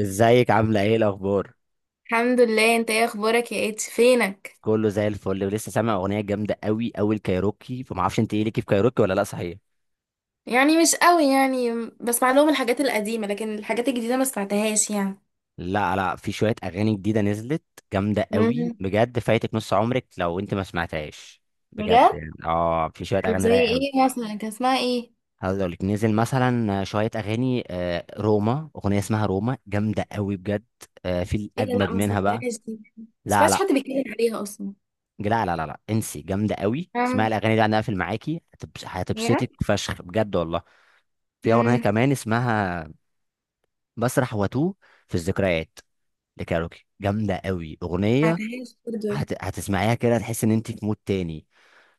ازيك، عامله ايه؟ الاخبار الحمد لله، انت ايه اخبارك يا اتش فينك؟ كله زي الفل. ولسه سامع اغنيه جامده قوي قوي، الكايروكي. فما اعرفش انت ايه ليكي في كايروكي ولا لا، صحيح؟ يعني، مش قوي يعني، بسمع لهم الحاجات القديمه لكن الحاجات الجديده ما سمعتهاش يعني. لا لا، في شويه اغاني جديده نزلت جامده قوي مم. بجد. فايتك نص عمرك لو انت ما سمعتهاش. بجد بجد؟ يعني اه، في شويه طب اغاني زي رايقه قوي. ايه مثلا؟ كان اسمها ايه؟ هقول لك، نزل مثلا شويه اغاني، روما. اغنيه اسمها روما جامده قوي بجد. في ايه ده؟ لا، الاجمد ما منها بقى. سمعتهاش دي. ما لا سمعتش لا حد بيتكلم عليها اصلا. لا لا لا لا، انسي. جامده قوي، اسمعي مم. الاغاني دي. انا اقفل معاكي. بجد؟ هتبسطك فشخ بجد والله. في اغنيه ما كمان اسمها مسرح واتوه، في الذكريات. لكاروكي جامده قوي اغنيه. سمعتهاش برضه يعني. هتسمعيها كده تحس ان انت في مود تاني.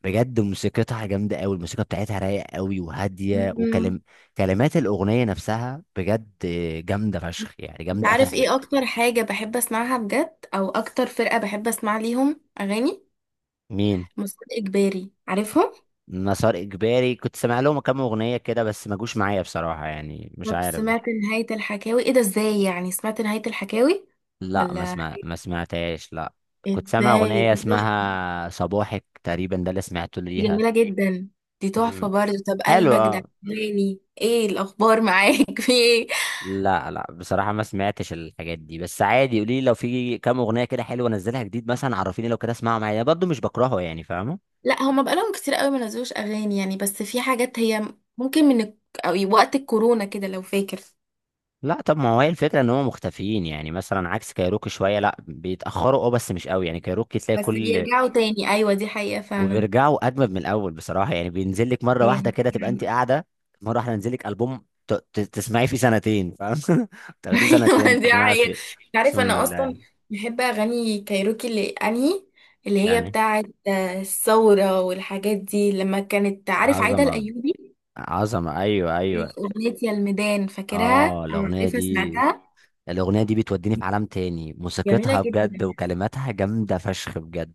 بجد موسيقتها جامده قوي. الموسيقى بتاعتها رايقه قوي وهاديه، مم. وكلم كلمات الاغنيه نفسها بجد جامده فشخ. يعني انت جامده اخر عارف حاجه. ايه اكتر حاجه بحب اسمعها بجد؟ او اكتر فرقه بحب اسمع ليهم اغاني؟ مين؟ مسار اجباري، عارفهم؟ مسار اجباري كنت سامع لهم كام اغنيه كده، بس ما جوش معايا بصراحه. يعني مش طب عارف. سمعت نهاية الحكاوي؟ ايه ده، ازاي يعني؟ سمعت نهاية الحكاوي؟ لا، ولا؟ ما سمعتهاش، لا. كنت سامع ازاي؟ اغنيه دي تحفة، اسمها صباحك تقريبا، ده اللي سمعته دي ليها. جميلة جدا، دي تحفة مم. برضه. طب حلو، قلبك ده اه. عجباني، ايه الاخبار معاك في ايه؟ لا لا، بصراحة ما سمعتش الحاجات دي. بس عادي، قولي لي لو في كام أغنية كده حلوة نزلها جديد مثلا، عرفيني. لو كده اسمعها معايا. أنا برضه مش بكرهه، يعني فاهمه. لا، هما بقالهم كتير قوي ما نزلوش اغاني يعني، بس في حاجات هي ممكن، أو وقت الكورونا كده لو فاكر. لا، طب ما هو هي الفكرة ان هم مختفيين. يعني مثلا عكس كايروكي شوية. لا بيتأخروا، اه، بس مش قوي. يعني كايروكي تلاقي بس كل بيرجعوا تاني، ايوه دي حقيقة فعلا. وبيرجعوا أجمد من الأول بصراحة. يعني بينزل لك مرة واحدة أيوة. كده تبقى أنت قاعدة. مرة واحدة ينزل لك ألبوم، تسمعيه فيه سنتين، فاهم؟ تاخديه سنتين ايوه دي تسمعي حقيقة. فيه. عارف، أقسم انا اصلا بالله. بحب اغاني كايروكي اللي انهي، اللي هي يعني بتاعت الثورة والحاجات دي، لما كانت، عارف، عايدة عظمة. الأيوبي. عظمة، أيوه إيه، أيوه. أغنية يا الميدان، فاكرها اه، أو الاغنيه عارفها؟ دي. سمعتها؟ الاغنيه دي بتوديني في عالم تاني. جميلة موسيقتها بجد جدا. وكلماتها جامده فشخ بجد.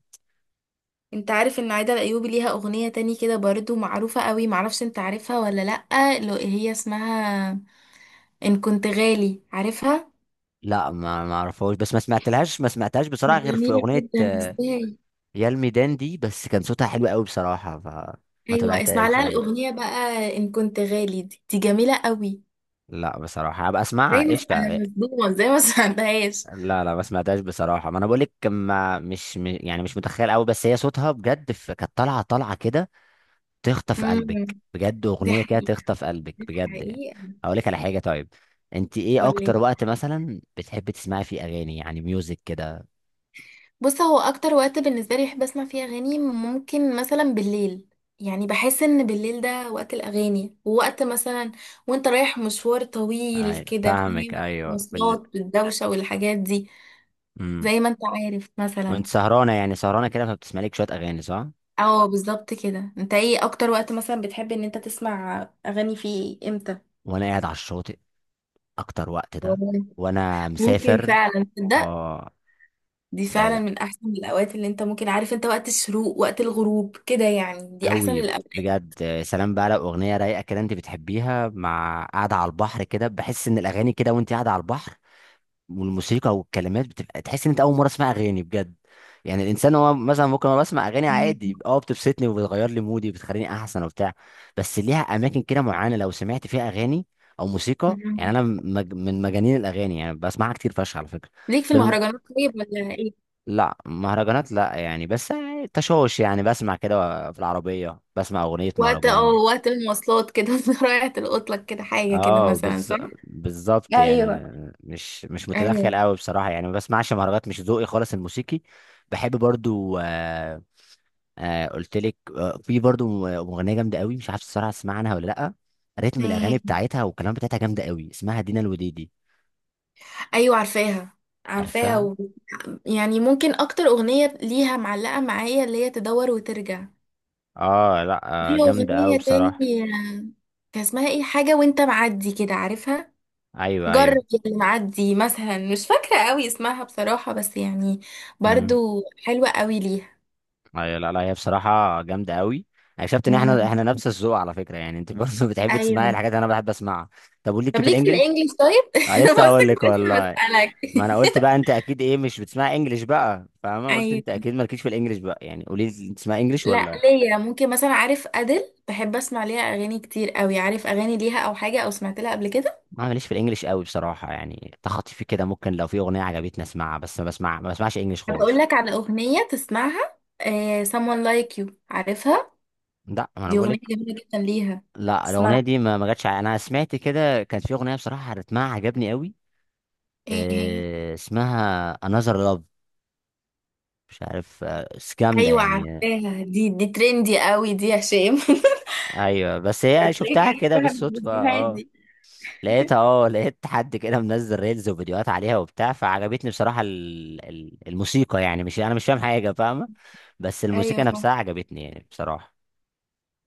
انت عارف ان عايدة الأيوبي ليها أغنية تاني كده برضو معروفة قوي، معرفش انت عارفها ولا لأ، اللي هي اسمها إن كنت غالي، عارفها؟ لا، ما اعرفهاش. بس ما سمعتهاش بصراحه، غير في جميلة اغنيه، جدا، ازاي؟ يا الميدان دي. بس كان صوتها حلو قوي بصراحه، فما ايوه، اسمع تابعتهاش لها يعني. الأغنية بقى إن كنت غالي، دي, دي جميلة قوي. لا بصراحه هبقى زي اسمعها، ما قشطه. انا مش ضمن، زي ما سمعتهاش. لا لا، ما سمعتهاش بصراحه. ما انا بقول لك، ما مش م- يعني مش متخيل قوي. بس هي صوتها بجد، كانت طالعه طالعه كده، تخطف امم قلبك بجد. دي اغنيه كده حقيقة، تخطف قلبك دي بجد يعني. حقيقة. اقول لك على حاجه، طيب. انت ايه قولي. اكتر وقت مثلا بتحبي تسمعي فيه اغاني، يعني ميوزك كده؟ بص، هو اكتر وقت بالنسبة لي بحب اسمع فيه اغاني ممكن مثلا بالليل. يعني بحس ان بالليل ده وقت الاغاني، ووقت مثلا وانت رايح مشوار طويل ايوه كده، فاهمك، فاهم؟ ايوه مواصلات والدوشة والحاجات دي، امم. زي ما انت عارف مثلا. وانت سهرانه، يعني سهرانه كده، فبتسمعي لك شويه اغاني، صح؟ اه، بالظبط كده. انت ايه اكتر وقت مثلا بتحب ان انت تسمع اغاني فيه، امتى؟ وانا قاعد على الشاطئ، اكتر وقت ده. وانا ممكن مسافر. فعلا، تصدق؟ اه، دي تبقى فعلا جا- من احسن الاوقات اللي انت ممكن، عارف انت، وقت الشروق وقت الغروب كده، يعني دي احسن قوي الاوقات. بجد. يا سلام بقى لو اغنيه رايقه كده انت بتحبيها، مع قاعده على البحر كده. بحس ان الاغاني كده، وانت قاعده على البحر والموسيقى والكلمات، بتبقى تحس ان انت اول مره اسمع اغاني بجد. يعني الانسان، هو مثلا ممكن انا بسمع اغاني عادي، اه، بتبسطني وبتغير لي مودي، بتخليني احسن وبتاع. بس ليها اماكن كده معينه لو سمعت فيها اغاني او موسيقى. يعني مم. انا من مجانين الاغاني. يعني بسمعها كتير فشخ على فكره. ليك في فيلم. المهرجانات طيب ولا ايه؟ لا مهرجانات، لا يعني. بس يعني تشوش، يعني بسمع كده في العربيه بسمع اغنيه وقت اه مهرجان. وقت المواصلات كده رايحة القطلك كده، حاجة كده اه، مثلا، صح؟ بالظبط يعني. ايوه، مش ايوه. متدخل قوي بصراحه. يعني ما بسمعش مهرجانات، مش ذوقي خالص الموسيقي. بحب برضو. قلت لك، في برضو مغنيه جامده قوي، مش عارف الصراحه تسمع عنها ولا لا. رتم إيه الاغاني هي؟ بتاعتها والكلام بتاعتها جامده قوي، اسمها دينا الوديدي. ايوه، عارفاها. عارفاها عارفها. و... يعني ممكن اكتر اغنية ليها معلقة معايا، اللي هي تدور وترجع. اه، لا. في جامده قوي اغنية بصراحه. تاني. آه، كان اسمها ايه؟ حاجة وانت معدي كده، عارفها؟ ايوه جرب ايوه. اللي معدي مثلا، مش فاكرة قوي اسمها بصراحة، بس يعني امم. برضو حلوة قوي ليها. ايوه، لا لا، هي بصراحه جامده قوي. اكتشفت ان احنا مم. احنا نفس الذوق على فكره. يعني انت برضه بتحب تسمعي ايوه. الحاجات اللي انا بحب اسمعها. طب وليكي طب في ليك في الانجليش؟ الانجليش طيب؟ أنا لسه بص هقول لك كنت لسه والله. بسألك. ما انا قلت بقى انت اكيد ايه، مش بتسمع انجليش بقى، فاهمه؟ قلت انت ايوه. اكيد مالكيش في الانجليش بقى. يعني قولي لي، انت تسمع انجليش لا ولا؟ ليا، ممكن مثلا، عارف، ادل بحب اسمع ليها اغاني كتير قوي، عارف اغاني ليها او حاجة، او سمعت لها قبل كده؟ ما ماليش في الانجليش قوي بصراحه. يعني تخطيفي كده ممكن، لو في اغنيه عجبتني اسمعها، بس ما بسمعش انجليش طب اقول خالص. لك على اغنية تسمعها، someone like you، عارفها؟ لا، ما انا دي بقول اغنية لك. جميلة جدا ليها. لا، الاغنيه اسمعها. دي ما جاتش. انا سمعت كده، كانت في اغنيه بصراحه رتمها عجبني قوي. ايه هي؟ إيه اسمها؟ Another Love. مش عارف، بس جامده ايوه، يعني. عارفاها دي ترندي قوي دي، يا هشام ايوه، بس هي تلاقيك شفتها كده عرفتها من بالصدفه، الفيديوهات اه. دي. لقيت حد كده منزل ريلز وفيديوهات عليها وبتاع، فعجبتني بصراحة الموسيقى. يعني مش انا مش فاهم حاجة، فاهمة؟ بس ايوه، الموسيقى فاهمة. نفسها عجبتني يعني بصراحة.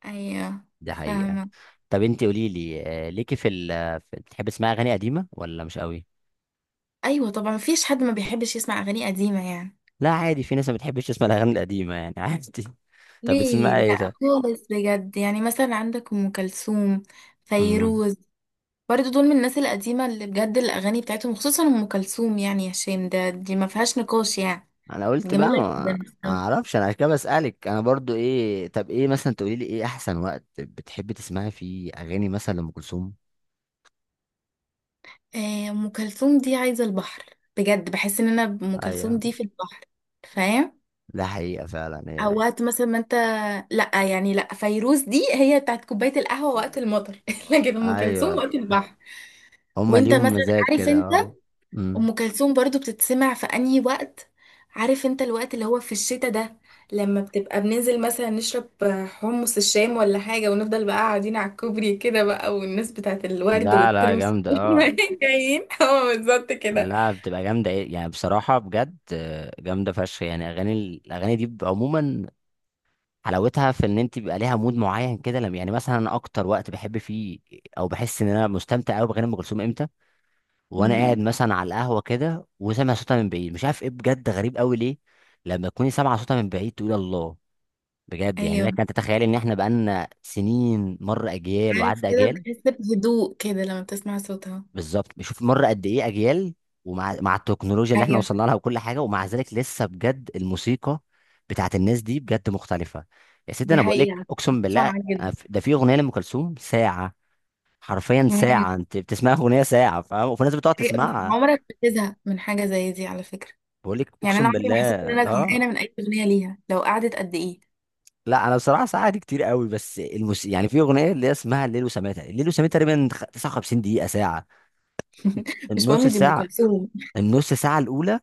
ايوه، دي حقيقة. فاهمة. طب انت قولي لي، ليكي في ال، بتحبي تسمعي اغاني قديمة ولا مش قوي؟ ايوه طبعا، مفيش حد ما بيحبش يسمع اغاني قديمة يعني. لا عادي، في ناس ما بتحبش تسمع الاغاني القديمة يعني، عادي. طب ليه بتسمعي ايه؟ لا ده خالص، بجد يعني، مثلا عندك ام كلثوم، امم. فيروز، برضه دول من الناس القديمة اللي بجد الاغاني بتاعتهم، خصوصا ام كلثوم يعني، يا شيم ده، دي ما فيهاش نقاش يعني. انا قلت بقى جميلة ما، جدا. ما اعرفش انا عشان كده بسألك انا برضو. ايه؟ طب ايه مثلا، تقولي لي ايه احسن وقت بتحبي تسمعي فيه اغاني مثلا لأم كلثوم؟ آه، ام كلثوم دي عايزة البحر. بجد بحس ان انا ام كلثوم ايوه، دي في البحر، فاهم؟ ده حقيقة فعلا هي. او وقت مثلا ما انت، لا يعني، لا فيروز دي هي بتاعت كوبايه القهوه وقت المطر لكن ام كلثوم ايوه، وقت البحر. هما وانت ليهم مثلا مزاج عارف كده، انت، اه. امم. ام كلثوم برضو بتتسمع في انهي وقت؟ عارف انت الوقت اللي هو في الشتاء ده، لما بتبقى بننزل مثلا نشرب حمص الشام ولا حاجه، ونفضل بقى قاعدين على الكوبري كده بقى، والناس بتاعت الورد لا لا، والترمس جامدة، اه. جايين، اه بالظبط كده. لا بتبقى جامدة. ايه يعني بصراحة بجد؟ جامدة فشخ يعني اغاني. الاغاني دي بيبقى عموما حلاوتها في ان انت بيبقى ليها مود معين كده. لما يعني مثلا انا اكتر وقت بحب فيه، او بحس ان انا مستمتع قوي باغاني ام كلثوم امتى؟ وانا قاعد امم مثلا على القهوة كده، وسامع صوتها من بعيد. مش عارف ايه، بجد غريب قوي ليه. لما تكوني سامعة صوتها من بعيد تقول الله. بجد يعني، ايوه، لك انت تتخيل ان احنا بقالنا سنين، مر اجيال عارف، وعدى كده اجيال. بتحس بهدوء كده لما بتسمع صوتها. بالظبط، بشوف مر قد ايه اجيال. ومع التكنولوجيا اللي احنا ايوه وصلنا لها وكل حاجه، ومع ذلك لسه بجد الموسيقى بتاعت الناس دي بجد مختلفه. يا سيدي دي انا بقول لك، حقيقة، اقسم متفقة بالله. معاك أنا جدا. ده في اغنيه لام كلثوم ساعه. حرفيا ساعه، مم. انت بتسمعها اغنيه ساعه، فاهم؟ وفي ناس بتقعد حقيقة. بس تسمعها. عمرك بتزهق من حاجة زي دي على فكرة؟ بقول لك يعني أنا اقسم عمري ما بالله. حسيت إن أنا اه، زهقانة من أي أغنية ليها، لو قعدت قد إيه. لا انا بصراحه ساعه دي كتير قوي. بس الموسيقى يعني، في اغنيه اللي هي اسمها الليل وسماه تقريبا. الليل وسماه تقريبا 59 دقيقه، ساعه. مش النص مهم، دي أم ساعة، كلثوم. النص ساعة الأولى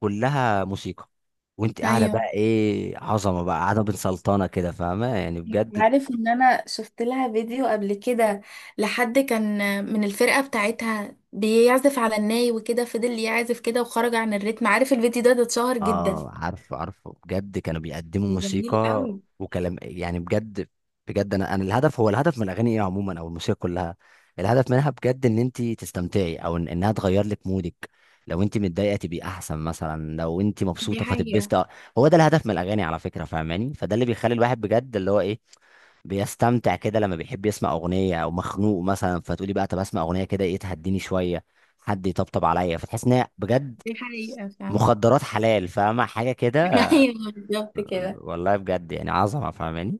كلها موسيقى. وانت قاعدة أيوه. بقى، ايه عظمة بقى قاعدة بين سلطانة كده، فاهمة يعني بجد. عارف إن أنا شفت لها فيديو قبل كده، لحد كان من الفرقة بتاعتها بيعزف على الناي وكده، فضل يعزف كده وخرج عن الريتم، عارف الفيديو ده، ده اتشهر جدا. اه، عارفه عارفه، بجد كانوا بيقدموا ده جميل موسيقى قوي. وكلام يعني بجد. بجد انا الهدف هو الهدف من الاغاني ايه عموما، او الموسيقى كلها، الهدف منها بجد ان انت تستمتعي، او إن انها تغير لك مودك. لو انت متضايقه تبقي احسن، مثلا لو انت دي مبسوطه حقيقة. فتبسطي، هو ده الهدف من الاغاني على فكره، فاهماني؟ فده اللي بيخلي الواحد بجد اللي هو ايه، بيستمتع كده لما بيحب يسمع اغنيه، او مخنوق مثلا فتقولي بقى طب اسمع اغنيه كده، ايه تهديني شويه، حد يطبطب عليا، فتحس ان هي بجد دي حقيقة فعلا. مخدرات حلال، فاهمه حاجه كده. ايوه بالظبط كده. والله بجد يعني عظمه، فاهماني؟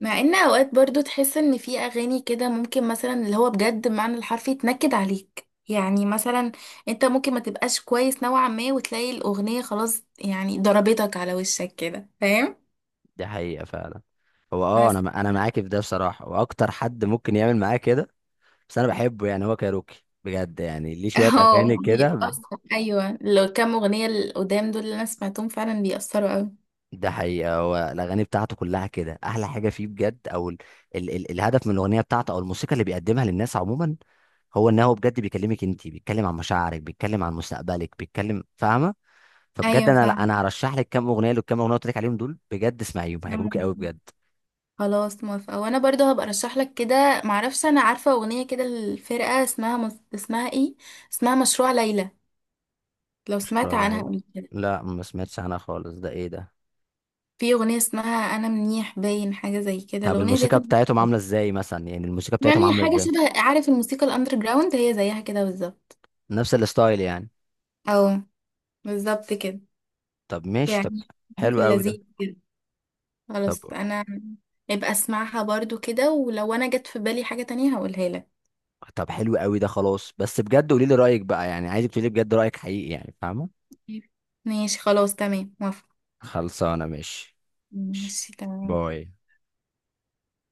مع ان اوقات برضو تحس ان في اغاني كده ممكن مثلا، اللي هو بجد بمعنى الحرفي تنكد عليك، يعني مثلا انت ممكن ما تبقاش كويس نوعا ما، وتلاقي الاغنية خلاص، يعني ضربتك على وشك كده، فاهم؟ دي حقيقه فعلا. هو اه، بس. انا معاكي في ده بصراحه، واكتر حد ممكن يعمل معاه كده. بس انا بحبه يعني. هو كايروكي بجد يعني ليه شويه اه اغاني كده. بيأثر، ايوه. لو كام اغنية القدام دول اللي انا سمعتهم فعلا بيأثروا قوي. ده حقيقة. هو الأغاني بتاعته كلها كده، أحلى حاجة فيه بجد. أو ال ال ال الهدف من الأغنية بتاعته أو الموسيقى اللي بيقدمها للناس عموما، هو إن هو بجد بيكلمك أنت. بيتكلم عن مشاعرك، بيتكلم عن مستقبلك، بيتكلم فاهمة؟ فبجد ايوه أنا، لا، فاهمة. أنا هرشح لك كام أغنية، للكام أغنية اللي قلت لك عليهم دول، بجد اسمعيهم هيعجبوك قوي بجد. خلاص موافقة، وانا برضو هبقى ارشح لك كده. معرفش، انا عارفة اغنية كده، الفرقة اسمها اسمها ايه؟ اسمها مشروع ليلى، لو سمعت قشطة، لا عنها يلا. قبل كده؟ لا ما سمعتش عنها خالص، ده إيه ده؟ في أغنية اسمها أنا منيح، باين حاجة زي كده، طب الأغنية ديت الموسيقى أنا بتاعتهم بحبها. عاملة إزاي مثلا؟ يعني الموسيقى بتاعتهم يعني عاملة حاجة إزاي؟ شبه، عارف الموسيقى الأندر جراوند؟ هي زيها كده بالظبط. نفس الستايل يعني. أو بالظبط كده. طب ماشي، طب. يعني في حلو قوي ده. اللذيذ كده. طب. خلاص أنا يبقى أسمعها برضو كده، ولو أنا جت في بالي حاجة تانية هقولها لك. طب حلو قوي ده، خلاص. بس بجد قولي لي رايك بقى، يعني عايزك تقولي بجد رايك حقيقي يعني، فاهمه؟ ماشي خلاص، تمام، موافقة. خلصانه ماشي. ماشي. ماشي تمام. باي.